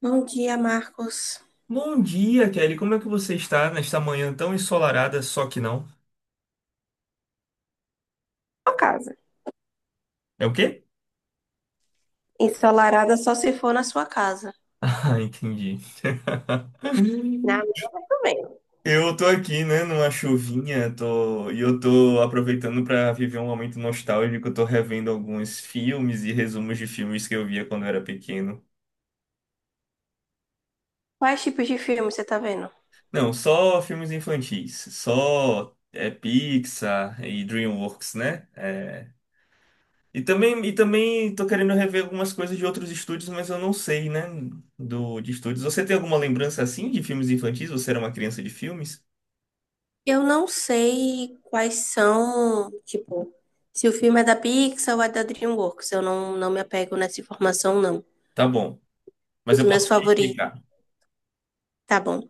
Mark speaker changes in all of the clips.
Speaker 1: Bom dia, Marcos.
Speaker 2: Bom dia, Kelly. Como é que você está nesta manhã tão ensolarada, só que não?
Speaker 1: Sua casa.
Speaker 2: É o quê?
Speaker 1: Ensolarada só se for na sua casa.
Speaker 2: Ah, entendi.
Speaker 1: Na minha também.
Speaker 2: Eu tô aqui, né, numa chuvinha, e eu tô aproveitando para viver um momento nostálgico. Eu tô revendo alguns filmes e resumos de filmes que eu via quando eu era pequeno.
Speaker 1: Quais tipos de filme você tá vendo?
Speaker 2: Não, só filmes infantis, só Pixar e DreamWorks, né? E também tô querendo rever algumas coisas de outros estúdios, mas eu não sei, né? De estúdios. Você tem alguma lembrança assim de filmes infantis? Você era uma criança de filmes?
Speaker 1: Eu não sei quais são, tipo, se o filme é da Pixar ou é da DreamWorks. Eu não, me apego nessa informação, não.
Speaker 2: Tá bom. Mas
Speaker 1: Os
Speaker 2: eu
Speaker 1: meus
Speaker 2: posso te
Speaker 1: favoritos.
Speaker 2: indicar.
Speaker 1: Tá bom.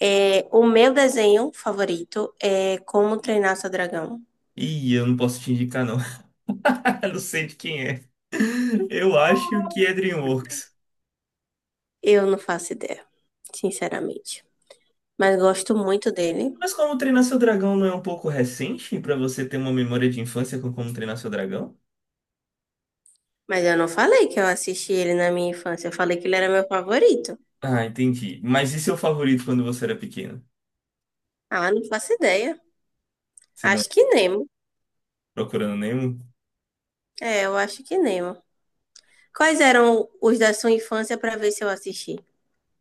Speaker 1: É, o meu desenho favorito é Como Treinar Seu Dragão.
Speaker 2: Ih, eu não posso te indicar, não. Não sei de quem é. Eu acho que é DreamWorks.
Speaker 1: Eu não faço ideia, sinceramente. Mas gosto muito dele.
Speaker 2: Mas Como Treinar Seu Dragão não é um pouco recente pra você ter uma memória de infância com Como Treinar Seu Dragão?
Speaker 1: Mas eu não falei que eu assisti ele na minha infância. Eu falei que ele era meu favorito.
Speaker 2: Ah, entendi. Mas e seu favorito quando você era pequeno?
Speaker 1: Ah, não faço ideia.
Speaker 2: Você não
Speaker 1: Acho
Speaker 2: tá
Speaker 1: que Nemo.
Speaker 2: procurando nenhum?
Speaker 1: É, eu acho que Nemo. Quais eram os da sua infância pra ver se eu assisti?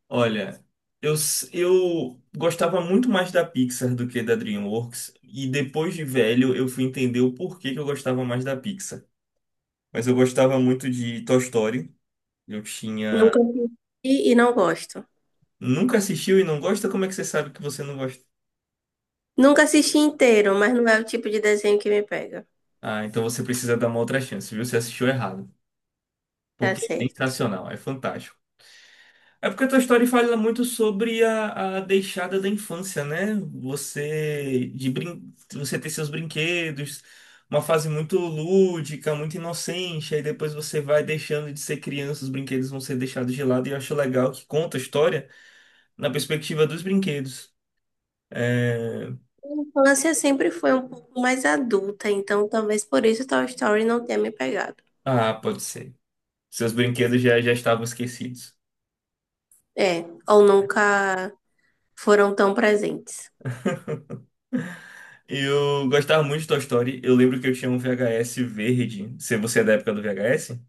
Speaker 2: Olha, eu gostava muito mais da Pixar do que da DreamWorks, e depois de velho eu fui entender o porquê que eu gostava mais da Pixar. Mas eu gostava muito de Toy Story. Eu tinha.
Speaker 1: Nunca assisti e não gosto.
Speaker 2: Nunca assistiu e não gosta? Como é que você sabe que você não gosta?
Speaker 1: Nunca assisti inteiro, mas não é o tipo de desenho que me pega.
Speaker 2: Ah, então você precisa dar uma outra chance, viu? Você assistiu errado.
Speaker 1: Tá
Speaker 2: Porque é
Speaker 1: certo.
Speaker 2: sensacional, é fantástico. É porque a tua história fala muito sobre a deixada da infância, né? Você ter seus brinquedos, uma fase muito lúdica, muito inocente, aí depois você vai deixando de ser criança, os brinquedos vão ser deixados de lado, e eu acho legal que conta a história na perspectiva dos brinquedos. É,
Speaker 1: A infância sempre foi um pouco mais adulta, então talvez por isso Toy Story não tenha me pegado.
Speaker 2: ah, pode ser. Seus brinquedos já estavam esquecidos.
Speaker 1: É, ou nunca foram tão presentes.
Speaker 2: Eu gostava muito de Toy Story. Eu lembro que eu tinha um VHS verde. Se você é da época do VHS?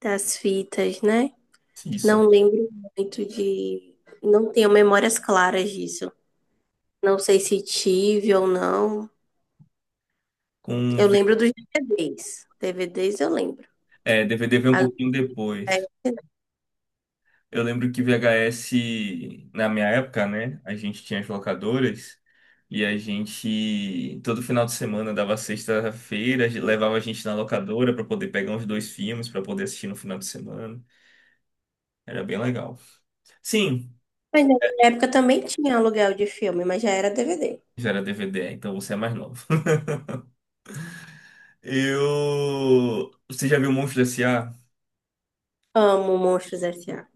Speaker 1: Das fitas, né?
Speaker 2: Isso
Speaker 1: Não lembro muito de. Não tenho memórias claras disso. Não sei se tive ou não.
Speaker 2: com
Speaker 1: Eu lembro dos DVDs. DVDs eu lembro.
Speaker 2: DVD veio um
Speaker 1: Agora,
Speaker 2: pouquinho
Speaker 1: é-
Speaker 2: depois. Eu lembro que VHS, na minha época, né? A gente tinha as locadoras e a gente, todo final de semana, dava sexta-feira, levava a gente na locadora para poder pegar uns dois filmes, para poder assistir no final de semana. Era bem legal. Sim,
Speaker 1: Mas na minha época também tinha aluguel de filme, mas já era DVD.
Speaker 2: já era DVD, então você é mais novo. Eu. Você já viu Monstros S.A.?
Speaker 1: Amo Monstros S.A.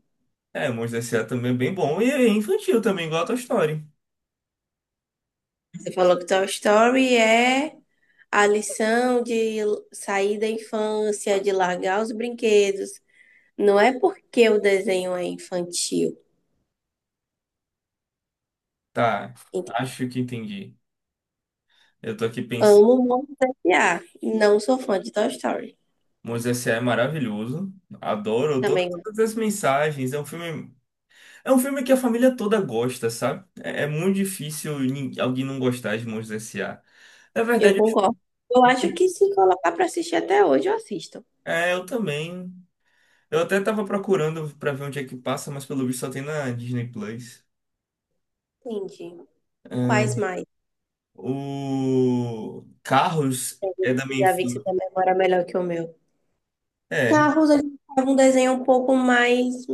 Speaker 2: É, Monstros S.A. também é bem bom. E é infantil também, igual a Toy Story.
Speaker 1: Você falou que Toy Story é a lição de sair da infância, de largar os brinquedos. Não é porque o desenho é infantil.
Speaker 2: Tá,
Speaker 1: Ent-
Speaker 2: acho que entendi. Eu tô aqui
Speaker 1: Amo Monstros S.A. Não sou fã de Toy Story.
Speaker 2: Moisés é maravilhoso. Adoro toda-
Speaker 1: Também,
Speaker 2: todas as mensagens. É um filme que a família toda gosta, sabe? É muito difícil alguém não gostar de Monstros S A. Na
Speaker 1: eu
Speaker 2: verdade,
Speaker 1: concordo. Eu acho que se colocar para assistir até hoje, eu assisto.
Speaker 2: é, eu também. Eu até tava procurando pra ver onde é que passa, mas pelo visto só tem na Disney Plus.
Speaker 1: Entendi. Quais
Speaker 2: É,
Speaker 1: mais?
Speaker 2: o Carros é da minha
Speaker 1: Já vi que você tem
Speaker 2: infância.
Speaker 1: memória melhor que o meu.
Speaker 2: É,
Speaker 1: Carros, ele tava um desenho um pouco mais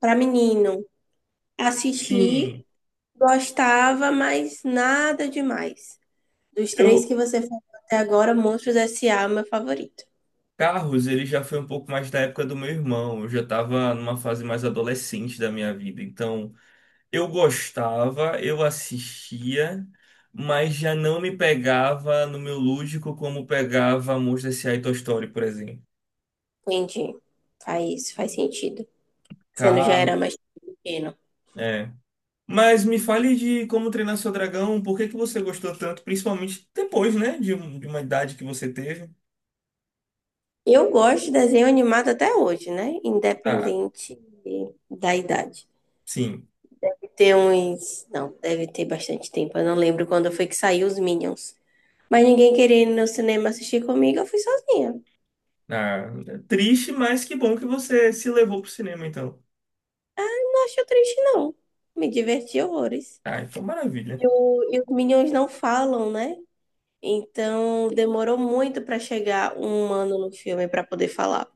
Speaker 1: para menino. Assisti,
Speaker 2: sim.
Speaker 1: gostava, mas nada demais. Dos três
Speaker 2: Eu
Speaker 1: que você falou até agora, Monstros S.A. é o meu favorito.
Speaker 2: Carros, ele já foi um pouco mais da época do meu irmão. Eu já tava numa fase mais adolescente da minha vida, então eu gostava, eu assistia, mas já não me pegava no meu lúdico como pegava Monstros S.A. e Toy Story, por exemplo.
Speaker 1: Entendi. Faz sentido. Sendo já
Speaker 2: Tá,
Speaker 1: era mais pequeno.
Speaker 2: é. Mas me fale de Como Treinar Seu Dragão, por que que você gostou tanto, principalmente depois, né, de uma idade que você teve?
Speaker 1: Eu gosto de desenho animado até hoje, né?
Speaker 2: Ah,
Speaker 1: Independente da idade.
Speaker 2: sim.
Speaker 1: Tem uns. Não, deve ter bastante tempo. Eu não lembro quando foi que saiu os Minions. Mas ninguém queria ir no cinema assistir comigo, eu fui sozinha.
Speaker 2: Ah, é triste, mas que bom que você se levou pro cinema, então.
Speaker 1: Não achei triste, não. Me diverti horrores.
Speaker 2: Ah, então maravilha.
Speaker 1: E, o- e os Minions não falam, né? Então demorou muito para chegar um humano no filme para poder falar.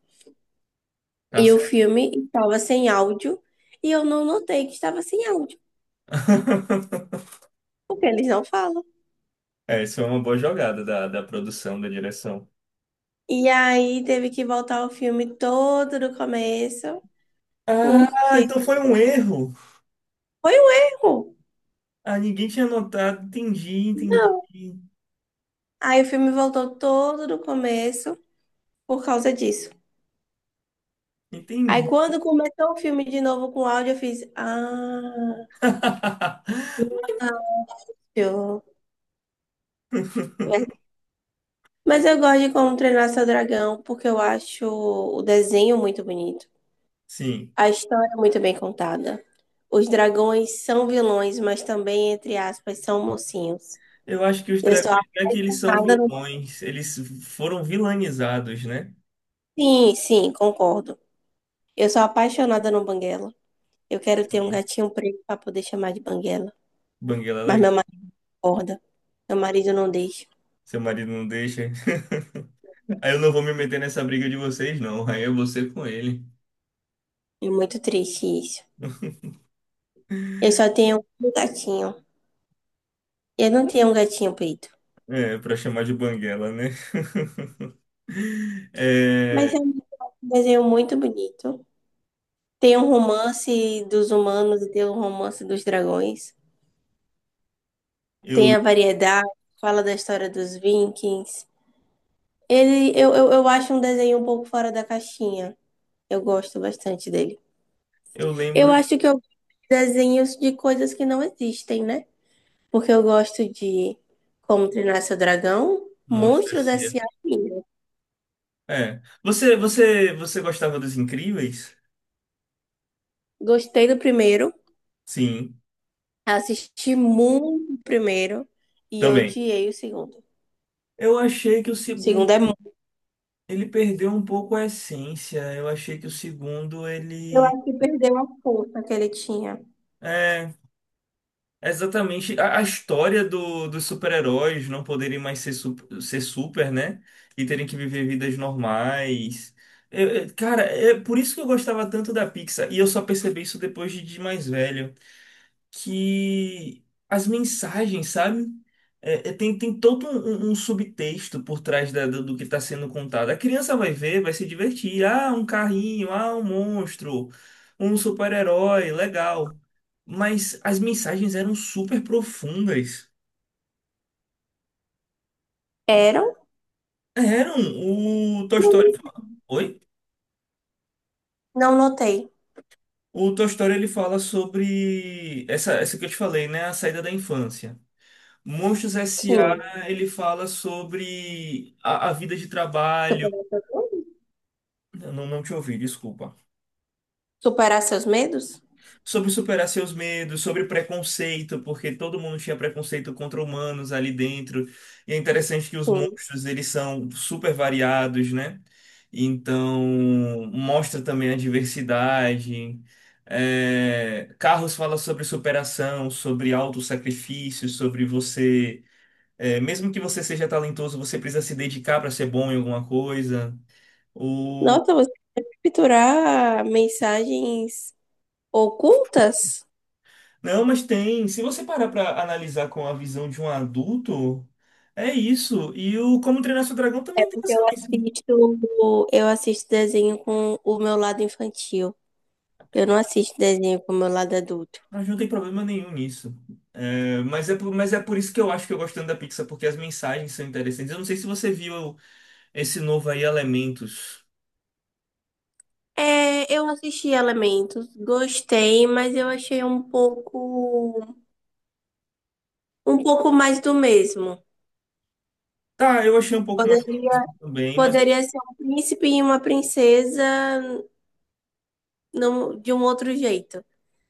Speaker 2: Tá
Speaker 1: E o
Speaker 2: certo.
Speaker 1: filme estava sem áudio e eu não notei que estava sem áudio, porque eles não falam.
Speaker 2: É, isso é uma boa jogada da produção, da direção.
Speaker 1: E aí teve que voltar o filme todo do começo,
Speaker 2: Ah,
Speaker 1: porque
Speaker 2: então foi um erro.
Speaker 1: foi um erro.
Speaker 2: Ah, ninguém tinha notado. Entendi, entendi,
Speaker 1: Não. Aí o filme voltou todo do começo por causa disso. Aí
Speaker 2: entendi.
Speaker 1: quando começou o filme de novo com áudio, eu fiz, ah, verdade. Mas eu gosto de Como Treinar Seu Dragão, porque eu acho o desenho muito bonito,
Speaker 2: Sim,
Speaker 1: a história é muito bem contada. Os dragões são vilões, mas também, entre aspas, são mocinhos.
Speaker 2: eu acho que os
Speaker 1: Eu sou
Speaker 2: dragões não é que eles são
Speaker 1: apaixonada no...
Speaker 2: vilões, eles foram vilanizados, né?
Speaker 1: Sim, concordo. Eu sou apaixonada no Banguela. Eu quero ter um
Speaker 2: Sim,
Speaker 1: gatinho preto para poder chamar de Banguela.
Speaker 2: Banguela é
Speaker 1: Mas meu
Speaker 2: legal.
Speaker 1: marido acorda. Meu marido não deixa.
Speaker 2: Seu marido não deixa. Aí eu não vou me meter nessa briga de vocês, não. Aí é você com ele.
Speaker 1: É muito triste isso. Eu só tenho um gatinho. Eu não tenho um gatinho preto.
Speaker 2: É, pra chamar de banguela, né?
Speaker 1: Mas
Speaker 2: É,
Speaker 1: é um desenho muito bonito. Tem o romance dos humanos e tem o romance dos dragões.
Speaker 2: eu,
Speaker 1: Tem a variedade, fala da história dos Vikings. Eu acho um desenho um pouco fora da caixinha. Eu gosto bastante dele.
Speaker 2: eu
Speaker 1: Eu
Speaker 2: lembro.
Speaker 1: acho que eu gosto de desenhos de coisas que não existem, né? Porque eu gosto de Como Treinar Seu Dragão,
Speaker 2: Monstro
Speaker 1: Monstros
Speaker 2: S.A.
Speaker 1: S.A. Minions.
Speaker 2: É. Você gostava dos Incríveis?
Speaker 1: Gostei do primeiro,
Speaker 2: Sim,
Speaker 1: assisti muito o primeiro e
Speaker 2: também.
Speaker 1: odiei o segundo. O
Speaker 2: Eu achei que o segundo
Speaker 1: segundo é muito.
Speaker 2: ele perdeu um pouco a essência. Eu achei que o segundo
Speaker 1: Eu
Speaker 2: ele
Speaker 1: acho que perdeu a força que ele tinha.
Speaker 2: é exatamente a história dos super-heróis não poderem mais ser super, né? E terem que viver vidas normais. Cara, é por isso que eu gostava tanto da Pixar. E eu só percebi isso depois de mais velho. Que as mensagens, sabe? É, tem todo um subtexto por trás do que está sendo contado. A criança vai ver, vai se divertir. Ah, um carrinho, ah, um monstro, um super-herói, legal. Mas as mensagens eram super profundas.
Speaker 1: Eram?
Speaker 2: Eram. O Toy
Speaker 1: Não
Speaker 2: Story. Oi?
Speaker 1: não notei.
Speaker 2: O Toy Story ele fala sobre essa que eu te falei, né? A saída da infância. Monstros
Speaker 1: Sim.
Speaker 2: S.A. ele fala sobre a vida de trabalho.
Speaker 1: Superar seus medos?
Speaker 2: Eu Não, não te ouvi, desculpa.
Speaker 1: Superar seus medos?
Speaker 2: Sobre superar seus medos, sobre preconceito, porque todo mundo tinha preconceito contra humanos ali dentro. E é interessante que os
Speaker 1: Sim.
Speaker 2: monstros eles são super variados, né? Então mostra também a diversidade. É, Carros fala sobre superação, sobre autossacrifício, sobre você. É, mesmo que você seja talentoso, você precisa se dedicar para ser bom em alguma coisa.
Speaker 1: Nossa, você quer capturar mensagens ocultas?
Speaker 2: Não, mas tem. Se você parar para analisar com a visão de um adulto, é isso. E o Como Treinar Seu Dragão
Speaker 1: É
Speaker 2: também tem
Speaker 1: porque
Speaker 2: essa mensagem.
Speaker 1: eu assisto desenho com o meu lado infantil. Eu não assisto desenho com o meu lado adulto.
Speaker 2: Mas não tem problema nenhum nisso. É, mas é por isso que eu acho que eu gosto tanto da Pixar, porque as mensagens são interessantes. Eu não sei se você viu esse novo aí, Elementos.
Speaker 1: É, eu assisti Elementos, gostei, mas eu achei um pouco mais do mesmo.
Speaker 2: Tá, eu achei um pouco mais
Speaker 1: Poderia,
Speaker 2: também,
Speaker 1: poderia ser um príncipe e uma princesa num- de um outro jeito.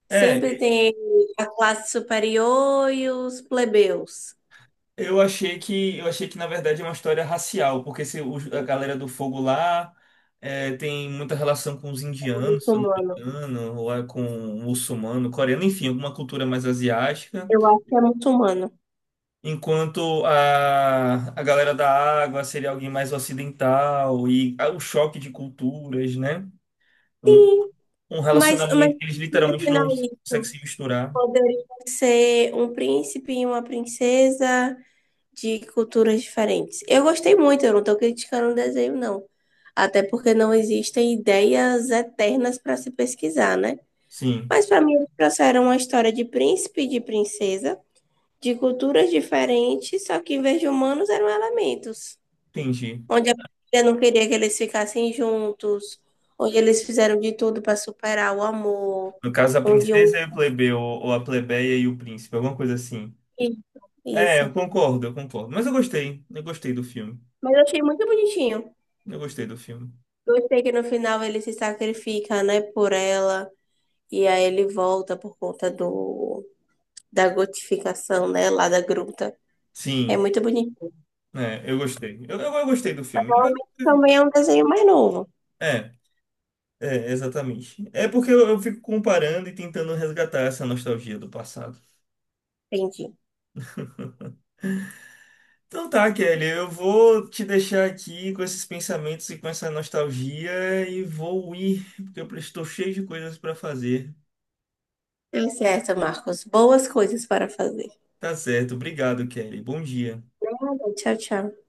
Speaker 1: Sempre
Speaker 2: É,
Speaker 1: tem a classe superior e os plebeus,
Speaker 2: eu achei que na verdade é uma história racial, porque se a galera do fogo lá tem muita relação com os
Speaker 1: o
Speaker 2: indianos, se eu não me
Speaker 1: muçulmano.
Speaker 2: engano, ou é com o muçulmano, coreano, enfim, alguma cultura mais asiática.
Speaker 1: Eu acho que é muçulmano.
Speaker 2: Enquanto a galera da água seria alguém mais ocidental e o choque de culturas, né? Um, um
Speaker 1: Mas
Speaker 2: relacionamento que eles literalmente
Speaker 1: imaginar
Speaker 2: não conseguem
Speaker 1: isso,
Speaker 2: se misturar.
Speaker 1: poderia ser um príncipe e uma princesa de culturas diferentes. Eu gostei muito, eu não estou criticando o desenho, não. Até porque não existem ideias eternas para se pesquisar, né?
Speaker 2: Sim,
Speaker 1: Mas para mim, trouxeram uma história de príncipe e de princesa de culturas diferentes, só que em vez de humanos eram elementos.
Speaker 2: entendi.
Speaker 1: Onde a família não queria que eles ficassem juntos, onde eles fizeram de tudo para superar o amor,
Speaker 2: No caso, a
Speaker 1: onde um.
Speaker 2: princesa e o plebeu, ou a plebeia e o príncipe, alguma coisa assim. É, eu
Speaker 1: Isso.
Speaker 2: concordo, eu concordo. Mas eu gostei do filme.
Speaker 1: Mas eu achei muito bonitinho.
Speaker 2: Eu gostei do filme.
Speaker 1: Gostei que no final ele se sacrifica, né, por ela. E aí ele volta por conta do, da gotificação, né, lá da gruta. É
Speaker 2: Sim,
Speaker 1: muito bonito.
Speaker 2: é, eu gostei. Eu gostei do filme.
Speaker 1: Também é um desenho mais novo.
Speaker 2: É, é, exatamente. É porque eu fico comparando e tentando resgatar essa nostalgia do passado.
Speaker 1: Entendi.
Speaker 2: Então tá, Kelly, eu vou te deixar aqui com esses pensamentos e com essa nostalgia e vou ir, porque eu estou cheio de coisas para fazer.
Speaker 1: Tá certo, Marcos. Boas coisas para fazer.
Speaker 2: Tá certo, obrigado, Kelly. Bom dia.
Speaker 1: Obrigada. Tchau, tchau.